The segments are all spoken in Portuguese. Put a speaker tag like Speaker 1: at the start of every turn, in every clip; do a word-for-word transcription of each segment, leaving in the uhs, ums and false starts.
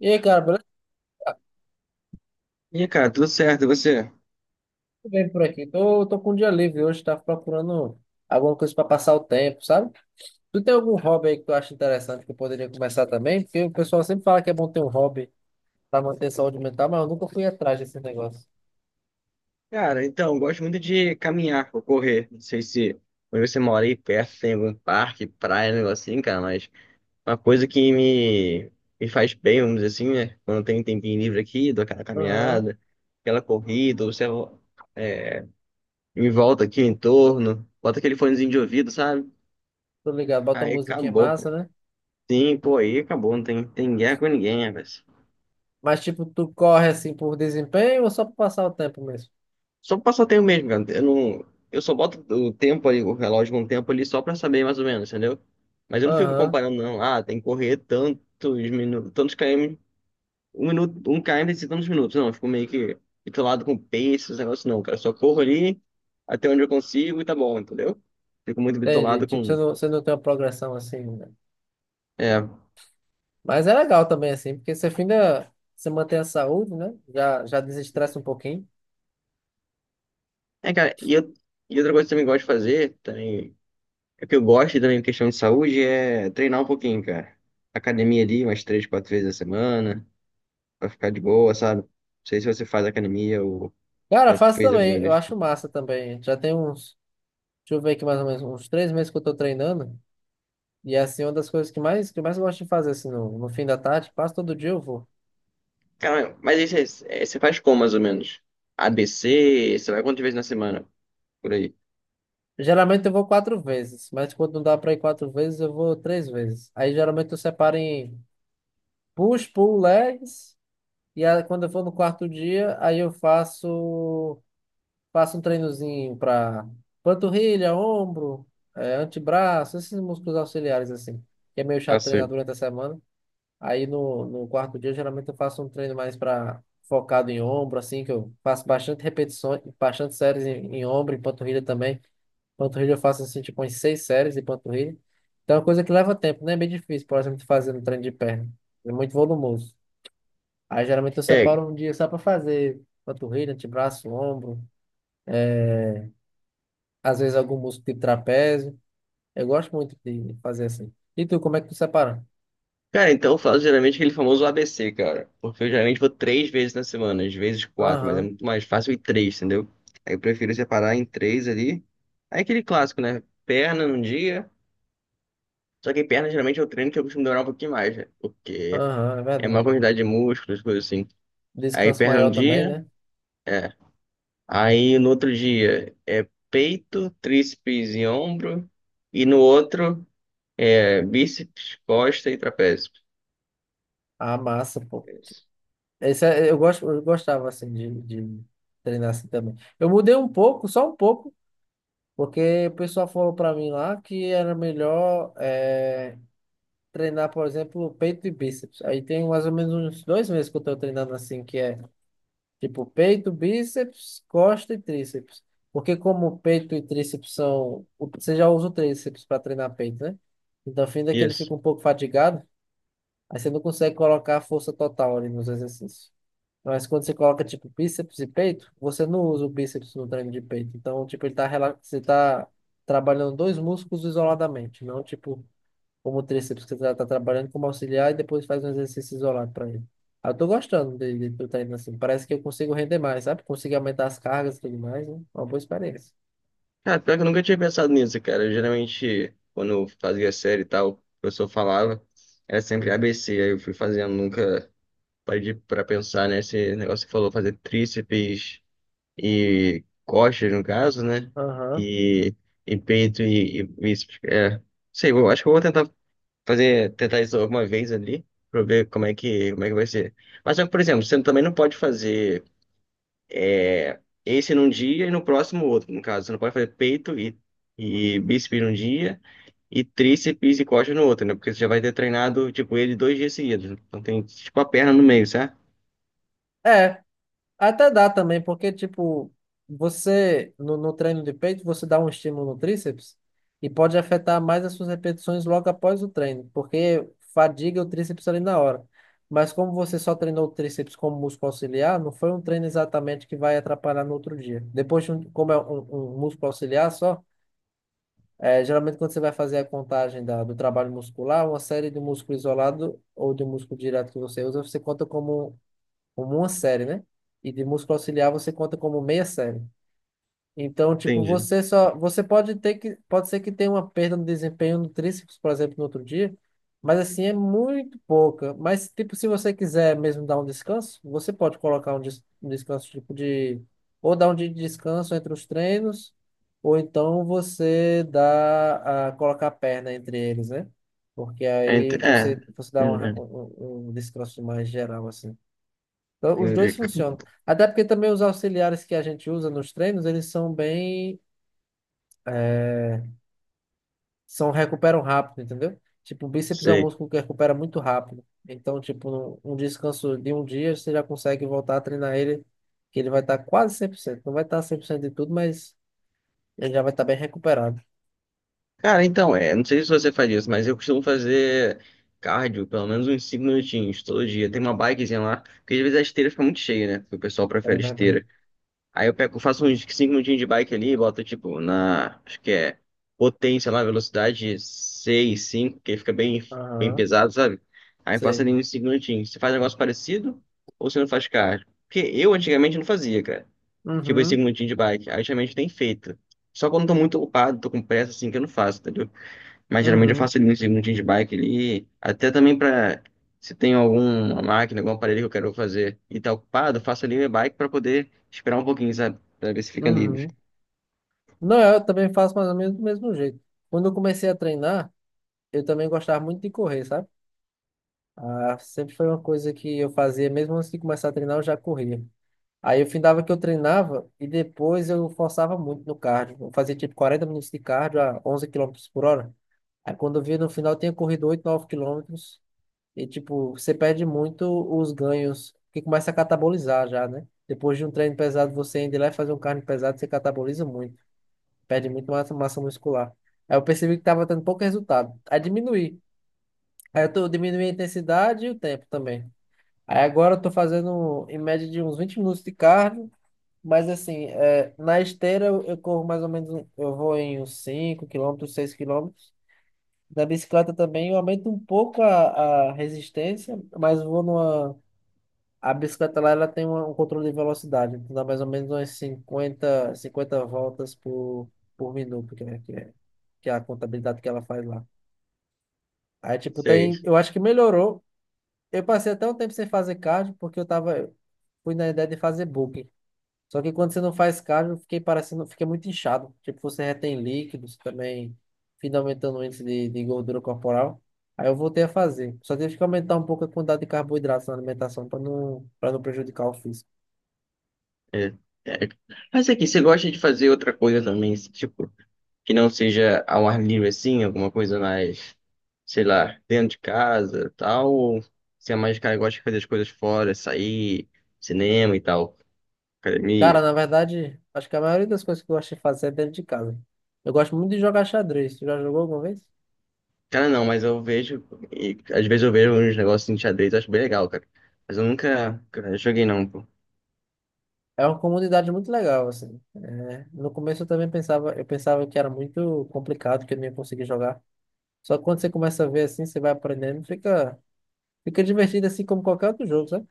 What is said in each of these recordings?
Speaker 1: E aí, cara, beleza?
Speaker 2: E aí, cara, tudo certo, e você?
Speaker 1: Tudo bem por aqui? Tô, tô com um dia livre hoje, tava procurando alguma coisa pra passar o tempo, sabe? Tu tem algum hobby aí que tu acha interessante que eu poderia começar também? Porque o pessoal sempre fala que é bom ter um hobby pra manter a saúde mental, mas eu nunca fui atrás desse negócio.
Speaker 2: Cara, então, gosto muito de caminhar ou correr. Não sei se onde você mora aí perto tem algum parque, praia, um negócio assim, cara, mas uma coisa que me, me faz bem, vamos dizer assim, né? Quando eu tenho um tempinho livre aqui, dou aquela
Speaker 1: Aham,
Speaker 2: caminhada, aquela corrida, ou você me volta aqui em torno, bota aquele fonezinho de ouvido, sabe?
Speaker 1: tô ligado, bota uma
Speaker 2: Aí
Speaker 1: musiquinha
Speaker 2: acabou, pô.
Speaker 1: massa, né?
Speaker 2: Sim, pô, aí acabou, não tem, tem guerra com ninguém, né, velho?
Speaker 1: Mas tipo, tu corre assim por desempenho ou só pra passar o tempo mesmo?
Speaker 2: Só passatempo mesmo, cara. Eu não, eu só boto o tempo ali, o relógio com o tempo ali só pra saber mais ou menos, entendeu? Mas eu não fico
Speaker 1: Aham,
Speaker 2: comparando, não. Ah, tem que correr tantos minutos, tantos km, um minuto, um km e tantos minutos. Não, eu fico meio que bitolado com pace, esses negócios não, cara. Eu só corro ali até onde eu consigo e tá bom, entendeu? Fico muito
Speaker 1: entendi.
Speaker 2: bitolado
Speaker 1: Tipo, você
Speaker 2: com.
Speaker 1: não, você não tem uma progressão assim, né?
Speaker 2: É,
Speaker 1: Mas é legal também assim, porque você finda, você mantém a saúde, né? Já, já desestressa um pouquinho.
Speaker 2: é, cara, e, eu, e outra coisa que eu também gosto de fazer, também, é que eu gosto e também, em questão de saúde, é treinar um pouquinho, cara. Academia ali, umas três, quatro vezes a semana. Vai ficar de boa, sabe? Não sei se você faz academia ou
Speaker 1: Cara,
Speaker 2: já
Speaker 1: faço
Speaker 2: fez alguma
Speaker 1: também. Eu
Speaker 2: vez.
Speaker 1: acho massa também. Já tem uns, deixa eu ver aqui mais ou menos, uns três meses que eu tô treinando. E é assim, uma das coisas que mais, que eu mais gosto de fazer, assim, no, no fim da tarde, quase todo dia eu vou.
Speaker 2: Cara, mas isso aí, é, você faz como, mais ou menos? A B C? Você vai quantas vezes na semana? Por aí.
Speaker 1: Geralmente eu vou quatro vezes, mas quando não dá pra ir quatro vezes, eu vou três vezes. Aí geralmente eu separo em push, pull, legs. E aí, quando eu for no quarto dia, aí eu faço, faço um treinozinho pra panturrilha, ombro, eh, antebraço, esses músculos auxiliares, assim, que é meio chato treinar
Speaker 2: Assim.
Speaker 1: durante a semana. Aí no, no quarto dia, geralmente eu faço um treino mais para focado em ombro, assim, que eu faço bastante repetições, bastante séries em, em ombro, em panturrilha também. Panturrilha eu faço assim, tipo, umas seis séries de panturrilha. Então é uma coisa que leva tempo, né? É bem difícil, por exemplo, fazer um treino de perna. É muito volumoso. Aí geralmente eu
Speaker 2: É,
Speaker 1: separo um dia só para fazer panturrilha, antebraço, ombro, é às vezes algum músculo tipo trapézio. Eu gosto muito de fazer assim. E tu, como é que tu separa?
Speaker 2: cara, então eu faço geralmente aquele famoso A B C, cara. Porque eu geralmente vou três vezes na semana, às vezes quatro, mas é
Speaker 1: Aham,
Speaker 2: muito mais fácil ir três, entendeu? Aí eu prefiro separar em três ali. Aí aquele clássico, né? Perna num dia. Só que perna geralmente é o treino que eu costumo demorar um pouquinho mais, né? Porque
Speaker 1: aham, é
Speaker 2: é uma
Speaker 1: verdade.
Speaker 2: quantidade de músculos, coisas assim. Aí
Speaker 1: Descanso
Speaker 2: perna um
Speaker 1: maior também,
Speaker 2: dia.
Speaker 1: né?
Speaker 2: é, Aí no outro dia é peito, tríceps e ombro. E no outro é bíceps, costa e trapézio.
Speaker 1: Ah, massa, pô.
Speaker 2: Isso.
Speaker 1: Esse é- eu gosto, eu gostava assim de, de treinar assim também. Eu mudei um pouco, só um pouco, porque o pessoal falou pra mim lá que era melhor é, treinar, por exemplo, peito e bíceps. Aí tem mais ou menos uns dois meses que eu tô treinando assim, que é tipo peito, bíceps, costa e tríceps. Porque como peito e tríceps são, você já usa o tríceps para treinar peito, né? Então, fim que ele
Speaker 2: Isso.
Speaker 1: fica um pouco fatigado, aí você não consegue colocar a força total ali nos exercícios. Mas quando você coloca, tipo, bíceps e peito, você não usa o bíceps no treino de peito. Então, tipo, ele tá, rela- você tá trabalhando dois músculos isoladamente, não, tipo, como o tríceps, que você tá, tá trabalhando como auxiliar e depois faz um exercício isolado para ele. Ah, eu tô gostando de, de, do treino assim. Parece que eu consigo render mais, sabe? Consigo aumentar as cargas e tudo mais, né? Uma boa experiência.
Speaker 2: Cara, pior que eu nunca tinha pensado nisso, cara. Eu, geralmente, quando eu fazia série e tal, o professor falava, era sempre A B C. Aí eu fui fazendo, nunca parei para pensar, nesse negócio que falou, fazer tríceps e costas, no caso, né?
Speaker 1: Aham.
Speaker 2: E, e peito e, e bíceps. É. Sei, eu acho que eu vou tentar fazer, tentar isso alguma vez ali, pra ver como é que, como é que vai ser. Mas só que, por exemplo, você também não pode fazer é, esse num dia e no próximo outro, no caso. Você não pode fazer peito e, e bíceps num dia e tríceps e coxa no outro, né? Porque você já vai ter treinado, tipo, ele dois dias seguidos. Então tem, tipo, a perna no meio, sabe?
Speaker 1: É, até dá também, porque, tipo, você, no, no treino de peito, você dá um estímulo no tríceps e pode afetar mais as suas repetições logo após o treino, porque fadiga o tríceps ali na hora. Mas como você só treinou o tríceps como músculo auxiliar, não foi um treino exatamente que vai atrapalhar no outro dia. Depois, de um- como é um, um músculo auxiliar só, é, geralmente quando você vai fazer a contagem da, do trabalho muscular, uma série de músculo isolado ou de músculo direto que você usa, você conta como como uma série, né? E de músculo auxiliar você conta como meia série. Então, tipo,
Speaker 2: Entendi.
Speaker 1: você só, você pode ter que, pode ser que tenha uma perda no desempenho no tríceps, por exemplo, no outro dia, mas assim é muito pouca. Mas tipo, se você quiser mesmo dar um descanso, você pode colocar um, des- um descanso tipo de ou dar um dia de descanso entre os treinos, ou então você dá a colocar a perna entre eles, né? Porque
Speaker 2: É, ent-
Speaker 1: aí você
Speaker 2: é,
Speaker 1: você
Speaker 2: é,
Speaker 1: dá um,
Speaker 2: entendi.
Speaker 1: um, um descanso mais geral assim. Então, os dois funcionam. Até porque também os auxiliares que a gente usa nos treinos, eles são bem, é, são, recuperam rápido, entendeu? Tipo, o bíceps é um
Speaker 2: Sei.
Speaker 1: músculo que recupera muito rápido. Então, tipo, um descanso de um dia, você já consegue voltar a treinar ele, que ele vai estar quase cem por cento. Não vai estar cem por cento de tudo, mas ele já vai estar bem recuperado.
Speaker 2: Cara, então, é, não sei se você faz isso, mas eu costumo fazer cardio pelo menos uns cinco minutinhos todo dia. Tem uma bikezinha lá, porque às vezes a esteira fica muito cheia, né? Porque o pessoal
Speaker 1: É
Speaker 2: prefere
Speaker 1: verdade.
Speaker 2: esteira. Aí eu pego, faço uns cinco minutinhos de bike ali e boto, tipo, na, acho que é potência lá, velocidade seis cinco, que fica bem, bem
Speaker 1: Aham,
Speaker 2: pesado, sabe? Aí eu faço
Speaker 1: sei.
Speaker 2: ali uns cinco minutinhos. Você faz um negócio parecido ou você não faz cardio? Porque eu antigamente não fazia, cara. Tipo, esses
Speaker 1: Uhum,
Speaker 2: cinco minutinhos de bike. Aí ultimamente tem feito. Só quando eu tô muito ocupado, tô com pressa, assim, que eu não faço, entendeu? Mas geralmente eu
Speaker 1: uhum,
Speaker 2: faço ali uns segundinhos de bike ali. Até também pra. Se tem alguma máquina, algum aparelho que eu quero fazer e tá ocupado, eu faço ali minha bike pra poder esperar um pouquinho, sabe? Pra ver se fica livre.
Speaker 1: uhum. Não, eu também faço mais ou menos do mesmo jeito. Quando eu comecei a treinar, eu também gostava muito de correr, sabe? Ah, sempre foi uma coisa que eu fazia, mesmo antes de começar a treinar, eu já corria. Aí eu findava que eu treinava e depois eu forçava muito no cardio. Eu fazia tipo quarenta minutos de cardio a onze quilômetros por hora. Aí quando eu via no final, eu tinha corrido oito nove quilômetros. E tipo, você perde muito os ganhos, que começa a catabolizar já, né? Depois de um treino pesado, você ainda ir lá e fazer um cardio pesado, você cataboliza muito. Perde muito massa, massa muscular. Aí eu percebi que tava dando pouco resultado. Aí diminuí. Aí eu, tô, eu diminuí a intensidade e o tempo também. Aí agora eu tô fazendo em média de uns vinte minutos de cardio, mas assim, é, na esteira eu, eu corro mais ou menos, um- eu vou em uns cinco quilômetros, seis quilômetros. Na bicicleta também eu aumento um pouco a, a resistência, mas vou numa. A bicicleta lá, ela tem uma- um controle de velocidade, então dá mais ou menos umas cinquenta cinquenta voltas por, por minuto, que é, que é, que é a contabilidade que ela faz lá. Aí, tipo,
Speaker 2: Sei.
Speaker 1: tem. Eu acho que melhorou. Eu passei até um tempo sem fazer cardio, porque eu tava, eu fui na ideia de fazer bulking. Só que quando você não faz cardio, eu fiquei parecendo, fiquei muito inchado. Tipo, você retém líquidos também, fica aumentando o índice de, de gordura corporal. Aí eu voltei a fazer. Só tive que aumentar um pouco a quantidade de carboidratos na alimentação para não, para não prejudicar o físico.
Speaker 2: É. É. Mas aqui, você gosta de fazer outra coisa também, tipo, que não seja ao ar livre assim, alguma coisa mais, sei lá, dentro de casa, tal, ou você é mais cara que gosta de fazer as coisas fora, sair, cinema e tal,
Speaker 1: Cara,
Speaker 2: academia?
Speaker 1: na verdade, acho que a maioria das coisas que eu gosto de fazer é dentro de casa. Eu gosto muito de jogar xadrez. Tu já jogou alguma vez?
Speaker 2: Cara, não, mas eu vejo, e às vezes eu vejo uns negócios em xadrez, eu acho bem legal, cara. Mas eu nunca, cara, joguei não, pô.
Speaker 1: É uma comunidade muito legal, assim. É, no começo eu também pensava, eu pensava que era muito complicado, que eu não ia conseguir jogar. Só que quando você começa a ver assim, você vai aprendendo, fica, fica divertido assim como qualquer outro jogo, sabe?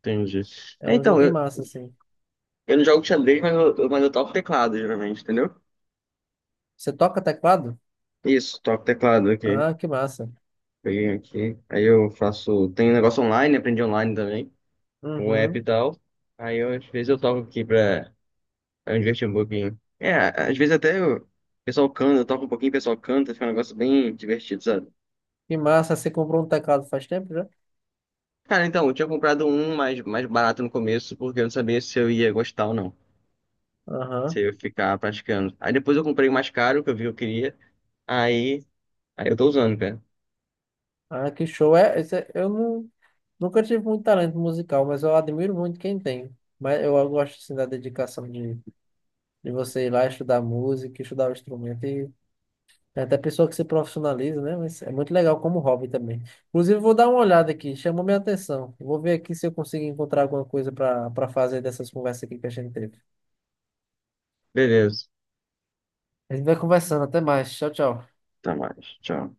Speaker 2: Entendi.
Speaker 1: É
Speaker 2: É,
Speaker 1: um
Speaker 2: então,
Speaker 1: jogo em
Speaker 2: eu,
Speaker 1: massa, assim.
Speaker 2: eu não jogo xadrez, mas eu, eu- mas eu toco teclado, geralmente, entendeu?
Speaker 1: Você toca teclado?
Speaker 2: Isso, toco teclado aqui.
Speaker 1: Ah, que massa.
Speaker 2: Peguei aqui. Aí eu faço. Tem um negócio online, aprendi online também. Um app
Speaker 1: Uhum.
Speaker 2: e tal. Aí eu, às vezes eu toco aqui pra, pra me divertir um pouquinho. É, às vezes até o pessoal canta, eu toco um pouquinho, o pessoal canta, fica um negócio bem divertido, sabe?
Speaker 1: Que massa, você comprou um teclado faz tempo já?
Speaker 2: Cara, então, eu tinha comprado um mais, mais barato no começo, porque eu não sabia se eu ia gostar ou não. Se
Speaker 1: Aham.
Speaker 2: eu ia ficar praticando. Aí depois eu comprei o mais caro, que eu vi que eu queria. Aí, aí eu tô usando, cara.
Speaker 1: Ah, que show. É, esse é- eu não, nunca tive muito talento musical, mas eu admiro muito quem tem. Mas eu gosto assim da dedicação de, de você ir lá estudar música, estudar o instrumento. É da pessoa que se profissionaliza, né? Mas é muito legal como hobby também. Inclusive, vou dar uma olhada aqui, chamou minha atenção. Vou ver aqui se eu consigo encontrar alguma coisa para para fazer dessas conversas aqui que a gente teve.
Speaker 2: Beleza.
Speaker 1: A gente vai conversando, até mais. Tchau, tchau.
Speaker 2: Até mais. Tchau.